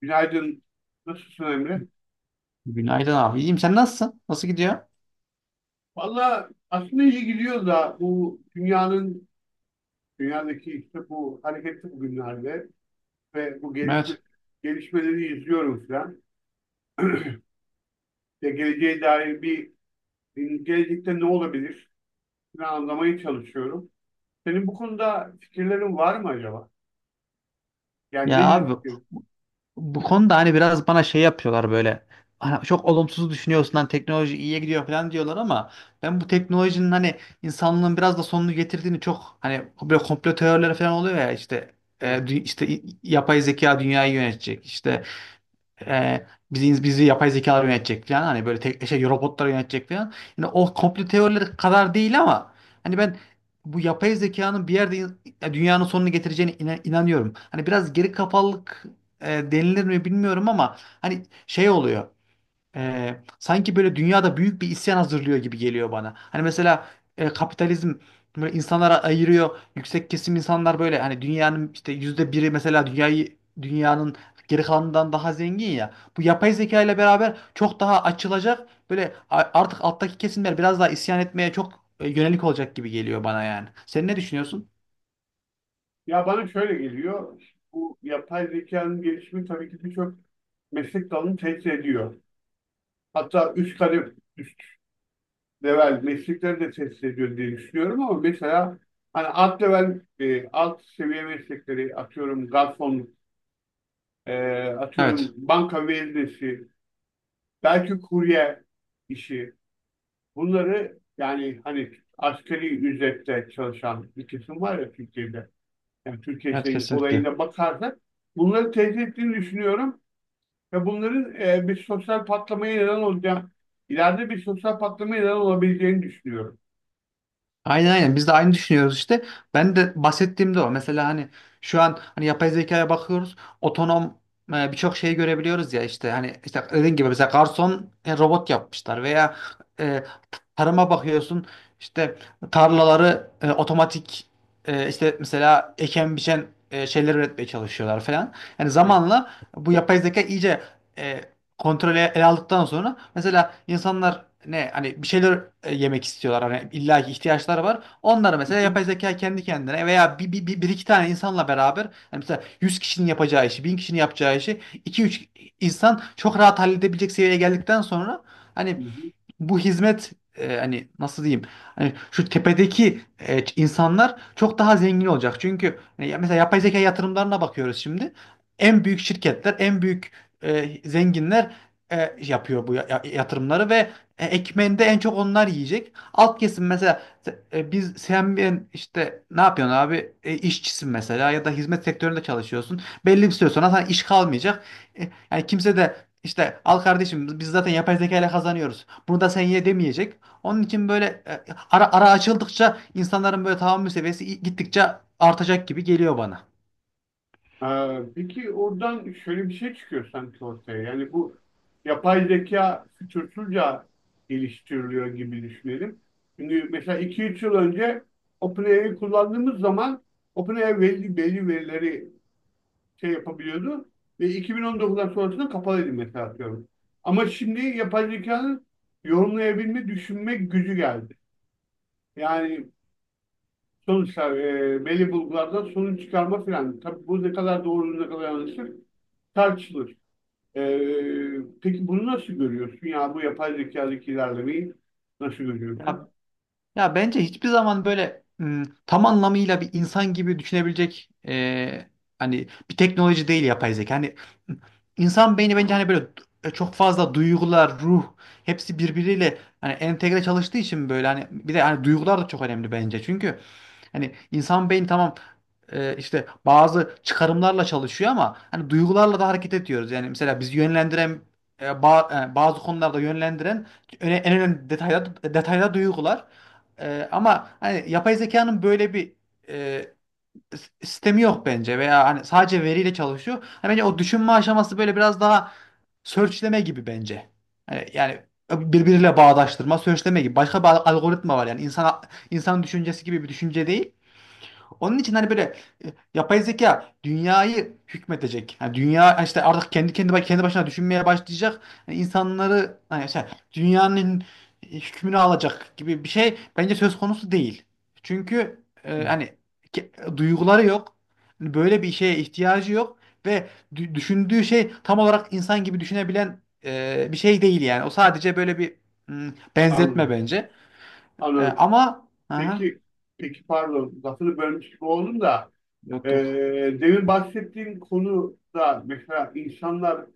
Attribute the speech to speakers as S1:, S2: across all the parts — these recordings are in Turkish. S1: Günaydın. Nasılsın Emre?
S2: Günaydın abi. İyiyim. Sen nasılsın? Nasıl gidiyor?
S1: Valla aslında iyi gidiyor da dünyadaki işte bu hareketli bugünlerde ve
S2: Evet.
S1: gelişmeleri izliyorum falan. Ve gelecekte ne olabilir? Bunu anlamaya çalışıyorum. Senin bu konuda fikirlerin var mı acaba? Yani
S2: Ya
S1: nedir
S2: abi,
S1: fikir?
S2: bu konuda hani biraz bana şey yapıyorlar böyle. Hani, çok olumsuz düşünüyorsun lan, teknoloji iyiye gidiyor falan diyorlar ama ben bu teknolojinin hani insanlığın biraz da sonunu getirdiğini, çok hani böyle komplo teorileri falan oluyor ya işte, e,
S1: Evet.
S2: dü- işte i- yapay zeka dünyayı yönetecek. İşte. e, bizi yapay zekalar yönetecek falan, hani böyle şey, robotlar yönetecek falan. Yani o komplo teorileri kadar değil ama hani ben bu yapay zekanın bir yerde dünyanın sonunu getireceğine inanıyorum. Hani biraz geri kafalılık denilir mi bilmiyorum ama hani şey oluyor, sanki böyle dünyada büyük bir isyan hazırlıyor gibi geliyor bana. Hani mesela kapitalizm böyle insanlara ayırıyor. Yüksek kesim insanlar böyle, hani dünyanın işte %1'i mesela, dünyayı dünyanın geri kalanından daha zengin ya. Bu yapay zeka ile beraber çok daha açılacak. Böyle artık alttaki kesimler biraz daha isyan etmeye çok yönelik olacak gibi geliyor bana yani. Sen ne düşünüyorsun?
S1: Ya bana şöyle geliyor. Bu yapay zekanın gelişimi tabii ki birçok meslek dalını tehdit ediyor. Hatta üst kademe, level meslekleri de test ediyor diye düşünüyorum ama mesela hani alt level alt seviye meslekleri atıyorum garson, e, atıyorum
S2: Evet.
S1: banka veznesi, belki kurye işi, bunları yani hani asgari ücretle çalışan bir kesim var ya Türkiye'de. Yani Türkiye
S2: Evet,
S1: şeyin
S2: kesinlikle.
S1: olayına bakarsak bunları teyit ettiğini düşünüyorum ve bunların e, bir sosyal patlamaya neden olacak ileride bir sosyal patlamaya neden olabileceğini düşünüyorum.
S2: Aynen, aynen, biz de aynı düşünüyoruz işte. Ben de bahsettiğimde o. Mesela hani şu an hani yapay zekaya bakıyoruz. Otonom birçok şeyi görebiliyoruz ya işte, hani işte dediğin gibi mesela garson robot yapmışlar veya e, tarıma bakıyorsun işte, tarlaları otomatik, işte mesela eken biçen şeyler üretmeye çalışıyorlar falan. Yani
S1: Evet.
S2: zamanla bu yapay zeka iyice e, kontrol ele aldıktan sonra, mesela insanlar, ne hani bir şeyler yemek istiyorlar, hani illaki ihtiyaçları var. Onları
S1: Hı
S2: mesela
S1: hı.
S2: yapay zeka kendi kendine veya bir iki tane insanla beraber, hani mesela 100 kişinin yapacağı işi, 1000 kişinin yapacağı işi iki üç insan çok rahat halledebilecek seviyeye geldikten sonra,
S1: Hı
S2: hani
S1: hı.
S2: bu hizmet, hani nasıl diyeyim, hani şu tepedeki insanlar çok daha zengin olacak. Çünkü ya mesela yapay zeka yatırımlarına bakıyoruz şimdi. En büyük şirketler, en büyük zenginler yapıyor bu yatırımları ve ekmeğinde en çok onlar yiyecek. Alt kesim mesela, biz, sen, ben, işte ne yapıyorsun abi? İşçisin mesela, ya da hizmet sektöründe çalışıyorsun. Belli bir süre sonra sana iş kalmayacak. Yani kimse de, işte al kardeşim biz zaten yapay zeka ile kazanıyoruz, bunu da sen ye demeyecek. Onun için böyle ara ara açıldıkça insanların böyle tahammül seviyesi gittikçe artacak gibi geliyor bana.
S1: Peki oradan şöyle bir şey çıkıyor sanki ortaya. Yani bu yapay zeka fütursuzca geliştiriliyor gibi düşünelim. Çünkü mesela iki üç yıl önce OpenAI'yi kullandığımız zaman OpenAI belli verileri şey yapabiliyordu ve 2019'dan sonrasında kapalıydı mesela atıyorum. Ama şimdi yapay zekanın yorumlayabilme, düşünme gücü geldi. Yani belli bulgulardan sonuç çıkarma filan. Tabii bu ne kadar doğru ne kadar yanlıştır tartışılır. E, peki bunu nasıl görüyorsun? Ya bu yapay zekadaki ilerlemeyi nasıl görüyorsun?
S2: Ya ya bence hiçbir zaman böyle tam anlamıyla bir insan gibi düşünebilecek hani bir teknoloji değil yapay zeka. Hani m, insan beyni bence hani böyle çok fazla duygular, ruh, hepsi birbiriyle hani entegre çalıştığı için, böyle hani bir de hani duygular da çok önemli bence. Çünkü hani insan beyni tamam, işte bazı çıkarımlarla çalışıyor ama hani duygularla da hareket ediyoruz. Yani mesela bizi yönlendiren bazı konularda yönlendiren en önemli detayda duygular. Ama hani yapay zekanın böyle bir e, sistemi yok bence, veya hani sadece veriyle çalışıyor. Hani bence o düşünme aşaması böyle biraz daha searchleme gibi bence. Hani yani birbiriyle bağdaştırma, searchleme gibi. Başka bir algoritma var yani, insan düşüncesi gibi bir düşünce değil. Onun için hani böyle e, yapay zeka dünyayı hükmedecek, yani dünya işte artık kendi başına düşünmeye başlayacak, yani insanları hani işte dünyanın hükmünü alacak gibi bir şey bence söz konusu değil. Çünkü hani duyguları yok. Hani böyle bir şeye ihtiyacı yok, ve düşündüğü şey tam olarak insan gibi düşünebilen bir şey değil yani. O sadece böyle bir benzetme
S1: Anladım.
S2: bence. E,
S1: Anladım.
S2: ama aha,
S1: Peki, peki pardon lafını bölmüş gibi oldum da, e,
S2: yok yok.
S1: demin bahsettiğin konuda mesela insanlar,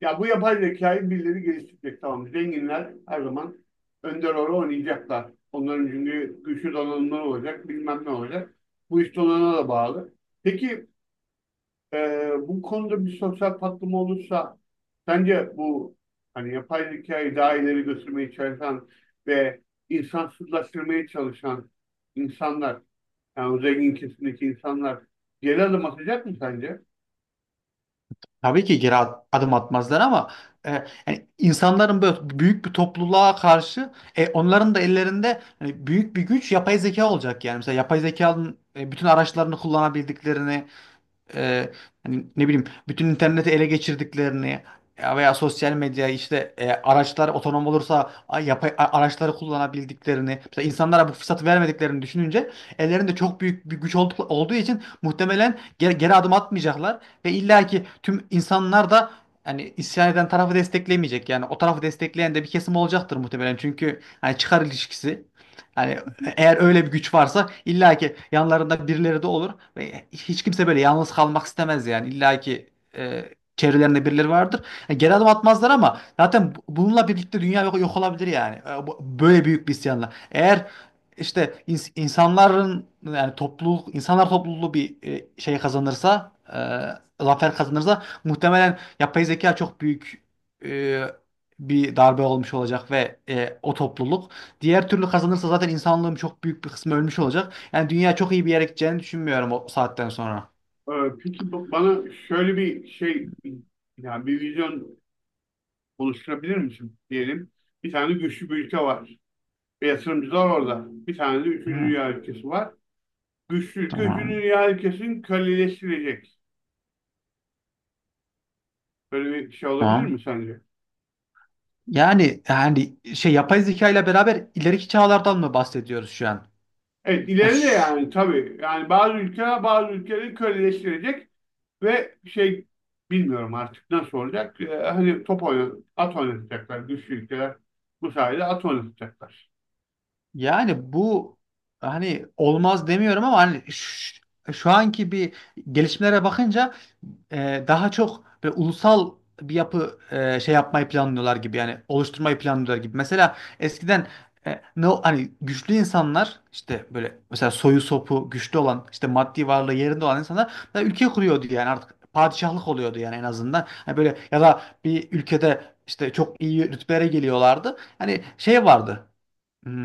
S1: ya bu yapay zekayı birileri geliştirecek tamam. Zenginler her zaman önder rol oynayacaklar. Onların çünkü güçlü donanımları olacak, bilmem ne olacak. Bu iş donanıma da bağlı. Peki, bu konuda bir sosyal patlama olursa sence bu hani yapay zekayı daha ileri götürmeye çalışan ve insansızlaştırmaya çalışan insanlar, yani o zengin kesimdeki insanlar geri adım atacak mı sence?
S2: Tabii ki geri adım atmazlar ama e, yani insanların böyle büyük bir topluluğa karşı, onların da ellerinde hani büyük bir güç, yapay zeka olacak yani. Mesela yapay zekanın bütün araçlarını kullanabildiklerini, e, hani ne bileyim bütün interneti ele geçirdiklerini, ya veya sosyal medya işte, araçlar otonom olursa yapay araçları kullanabildiklerini, mesela insanlara bu fırsatı vermediklerini düşününce, ellerinde çok büyük bir güç olduğu için muhtemelen geri adım atmayacaklar, ve illaki tüm insanlar da hani isyan eden tarafı desteklemeyecek. Yani o tarafı destekleyen de bir kesim olacaktır muhtemelen, çünkü hani çıkar ilişkisi, hani eğer öyle bir güç varsa illa ki yanlarında birileri de olur ve hiç kimse böyle yalnız kalmak istemez yani, illa ki e, çevrelerinde birileri vardır. Yani geri adım atmazlar ama zaten bununla birlikte dünya yok olabilir yani. Böyle büyük bir isyanla, eğer işte insanların, yani topluluk, insanlar topluluğu bir şey kazanırsa, zafer kazanırsa, muhtemelen yapay zeka çok büyük e, bir darbe olmuş olacak ve o topluluk. Diğer türlü kazanırsa zaten insanlığın çok büyük bir kısmı ölmüş olacak. Yani dünya çok iyi bir yere gideceğini düşünmüyorum o saatten sonra.
S1: Ee, Peki bana şöyle bir şey, yani bir vizyon oluşturabilir misin diyelim. Bir tane güçlü bir ülke var. Ve yatırımcılar orada. Bir tane de üçüncü
S2: Hı,
S1: dünya ülkesi var. Güçlü ülke üçüncü
S2: tamam.
S1: dünya ülkesini köleleştirecek. Böyle bir şey olabilir
S2: Tamam.
S1: mi sence?
S2: Yani şey, yapay zeka ile beraber ileriki çağlardan mı bahsediyoruz şu an?
S1: Evet
S2: Yani
S1: ileri de
S2: şu-
S1: yani tabii. Yani bazı ülkeler bazı ülkeleri köleleştirecek ve şey bilmiyorum artık nasıl olacak. Hani at oynatacaklar güçlü ülkeler. Bu sayede at oynatacaklar.
S2: Yani bu hani olmaz demiyorum ama hani şu anki bir gelişmelere bakınca daha çok böyle ulusal bir yapı şey yapmayı planlıyorlar gibi, yani oluşturmayı planlıyorlar gibi. Mesela eskiden hani güçlü insanlar işte böyle, mesela soyu sopu güçlü olan, işte maddi varlığı yerinde olan insanlar da ülke kuruyordu yani, artık padişahlık oluyordu yani, en azından. Hani böyle, ya da bir ülkede işte çok iyi rütbelere geliyorlardı. Hani şey vardı.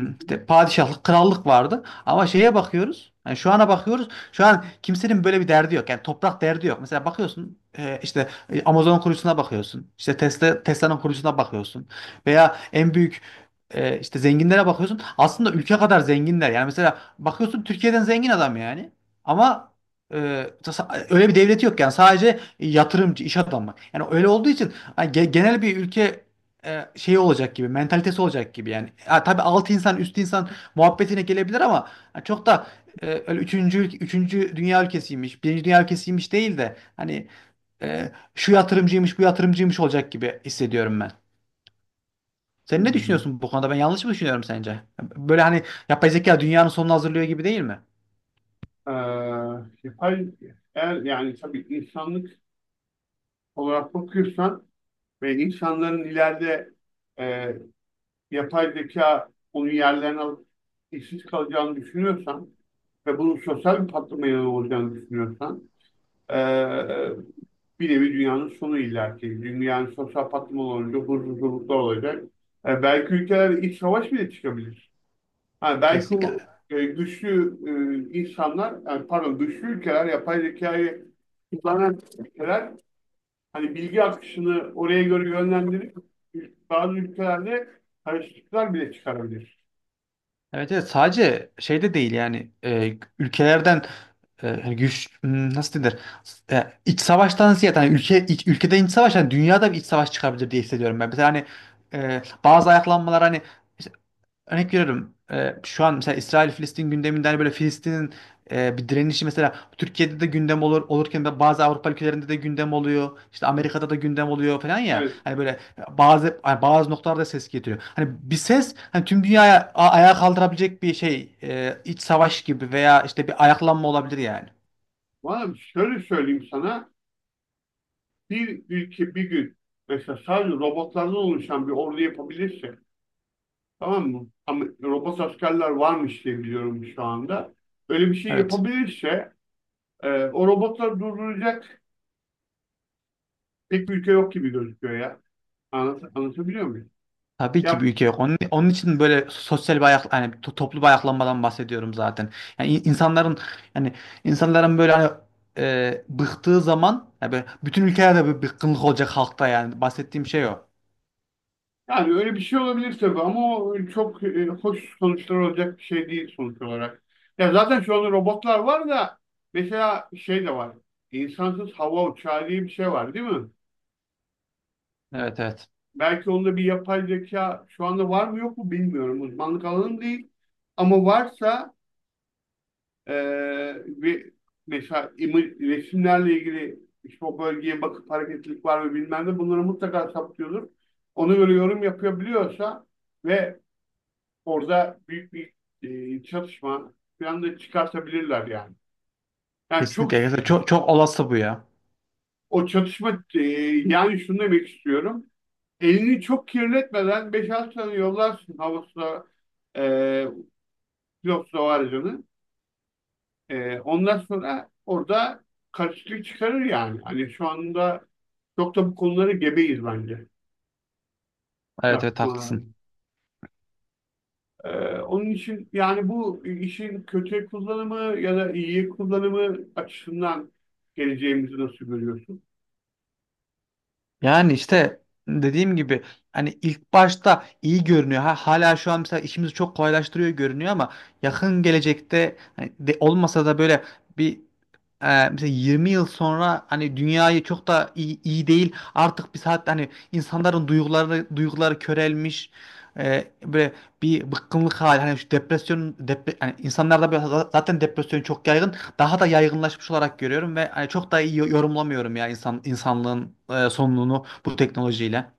S1: Hı
S2: işte padişahlık, krallık vardı. Ama şeye bakıyoruz, yani şu ana bakıyoruz. Şu an kimsenin böyle bir derdi yok, yani toprak derdi yok. Mesela bakıyorsun işte, Amazon kurucusuna bakıyorsun. İşte Tesla, Tesla'nın kurucusuna bakıyorsun. Veya en büyük işte zenginlere bakıyorsun. Aslında ülke kadar zenginler. Yani mesela bakıyorsun, Türkiye'den zengin adam yani. Ama e, öyle bir devleti yok yani. Sadece yatırımcı, iş adamı. Yani öyle olduğu için hani genel bir ülke şey olacak gibi, mentalitesi olacak gibi yani. Ha, tabii alt insan, üst insan muhabbetine gelebilir ama ha, çok da öyle, üçüncü dünya ülkesiymiş, birinci dünya ülkesiymiş değil de, hani şu yatırımcıymış, bu yatırımcıymış olacak gibi hissediyorum ben. Sen ne
S1: hı.
S2: düşünüyorsun bu konuda? Ben yanlış mı düşünüyorum sence? Böyle hani yapay zeka dünyanın sonunu hazırlıyor gibi değil mi?
S1: Ee, yapay, eğer yani tabii insanlık olarak bakıyorsan ve insanların ileride, e, yapay zeka onun yerlerini alıp işsiz kalacağını düşünüyorsan ve bunun sosyal bir patlamaya yol olacağını düşünüyorsan, e, bir nevi dünyanın sonu illaki. Dünyanın sosyal patlama olunca huzursuzluklar olacak. Belki ülkeler iç savaş bile çıkabilir. Ha, belki o
S2: Kesinlikle.
S1: güçlü e, insanlar, yani pardon güçlü ülkeler, yapay zekayı kullanan ülkeler, hani bilgi akışını oraya göre yönlendirip bazı ülkelerde karışıklıklar bile çıkarabilir.
S2: Evet, evet, sadece şeyde değil yani, ülkelerden. Hani güç, nasıl denir, iç savaştan ziyade, hani ülkede iç savaş, hani dünyada bir iç savaş çıkabilir diye hissediyorum ben. Mesela hani bazı ayaklanmalar hani. Örnek veriyorum. Şu an mesela İsrail-Filistin gündeminden, hani böyle Filistin'in bir direnişi mesela Türkiye'de de gündem olurken de, bazı Avrupa ülkelerinde de gündem oluyor. İşte Amerika'da da gündem oluyor falan ya.
S1: Evet.
S2: Hani böyle bazı, hani bazı noktalarda ses getiriyor. Hani bir ses, hani tüm dünyaya ayağa kaldırabilecek bir şey, iç savaş gibi veya işte bir ayaklanma olabilir yani.
S1: Valla şöyle söyleyeyim sana. Bir ülke bir gün mesela sadece robotlardan oluşan bir ordu yapabilirse, tamam mı? Ama robot askerler varmış diye biliyorum şu anda. Öyle bir şey
S2: Evet.
S1: yapabilirse, o robotları durduracak pek bir ülke yok gibi gözüküyor ya. Anlatabiliyor muyum?
S2: Tabii ki
S1: Ya,
S2: büyük yok. Onun için böyle sosyal bir hani toplu bir ayaklanmadan bahsediyorum zaten. Yani insanların, yani insanların böyle hani bıktığı zaman, yani böyle bütün ülkelerde bir bıkkınlık olacak halkta yani. Bahsettiğim şey o.
S1: yani öyle bir şey olabilir tabii ama o, çok, hoş sonuçlar olacak bir şey değil sonuç olarak. Ya zaten şu anda robotlar var da mesela şey de var. İnsansız hava uçağı diye bir şey var değil mi?
S2: Evet, evet.
S1: Belki onda bir yapay zeka şu anda var mı yok mu bilmiyorum. Uzmanlık alanım değil. Ama varsa, Ee, ve mesela resimlerle ilgili işte o bölgeye bakıp hareketlilik var mı bilmem ne, bunları mutlaka saptıyordur. Ona göre yorum yapabiliyorsa ve orada büyük bir çatışma falan da çıkartabilirler yani. Yani çok
S2: Kesinlikle. Gerçekten çok, çok olası bu ya.
S1: o çatışma, yani şunu demek istiyorum. Elini çok kirletmeden beş altı tane yollarsın havasına, e, pilotlu o aracını. Ondan sonra orada karşılık çıkarır yani. Hani şu anda çok da bu konuları gebeyiz bence.
S2: Evet, evet, haklısın.
S1: Yapmaların. Ee, onun için yani bu işin kötü kullanımı ya da iyi kullanımı açısından geleceğimizi nasıl görüyorsun?
S2: Yani işte dediğim gibi, hani ilk başta iyi görünüyor. Ha, hala şu an mesela işimizi çok kolaylaştırıyor görünüyor ama yakın gelecekte, hani de olmasa da böyle bir, mesela 20 yıl sonra hani dünyayı çok da iyi, iyi değil. Artık bir saat, hani insanların duyguları körelmiş. Böyle bir bıkkınlık hali, hani şu depresyon, hani insanlarda böyle zaten depresyon çok yaygın, daha da yaygınlaşmış olarak görüyorum. Ve hani çok da iyi yorumlamıyorum ya insanlığın sonunu bu teknolojiyle.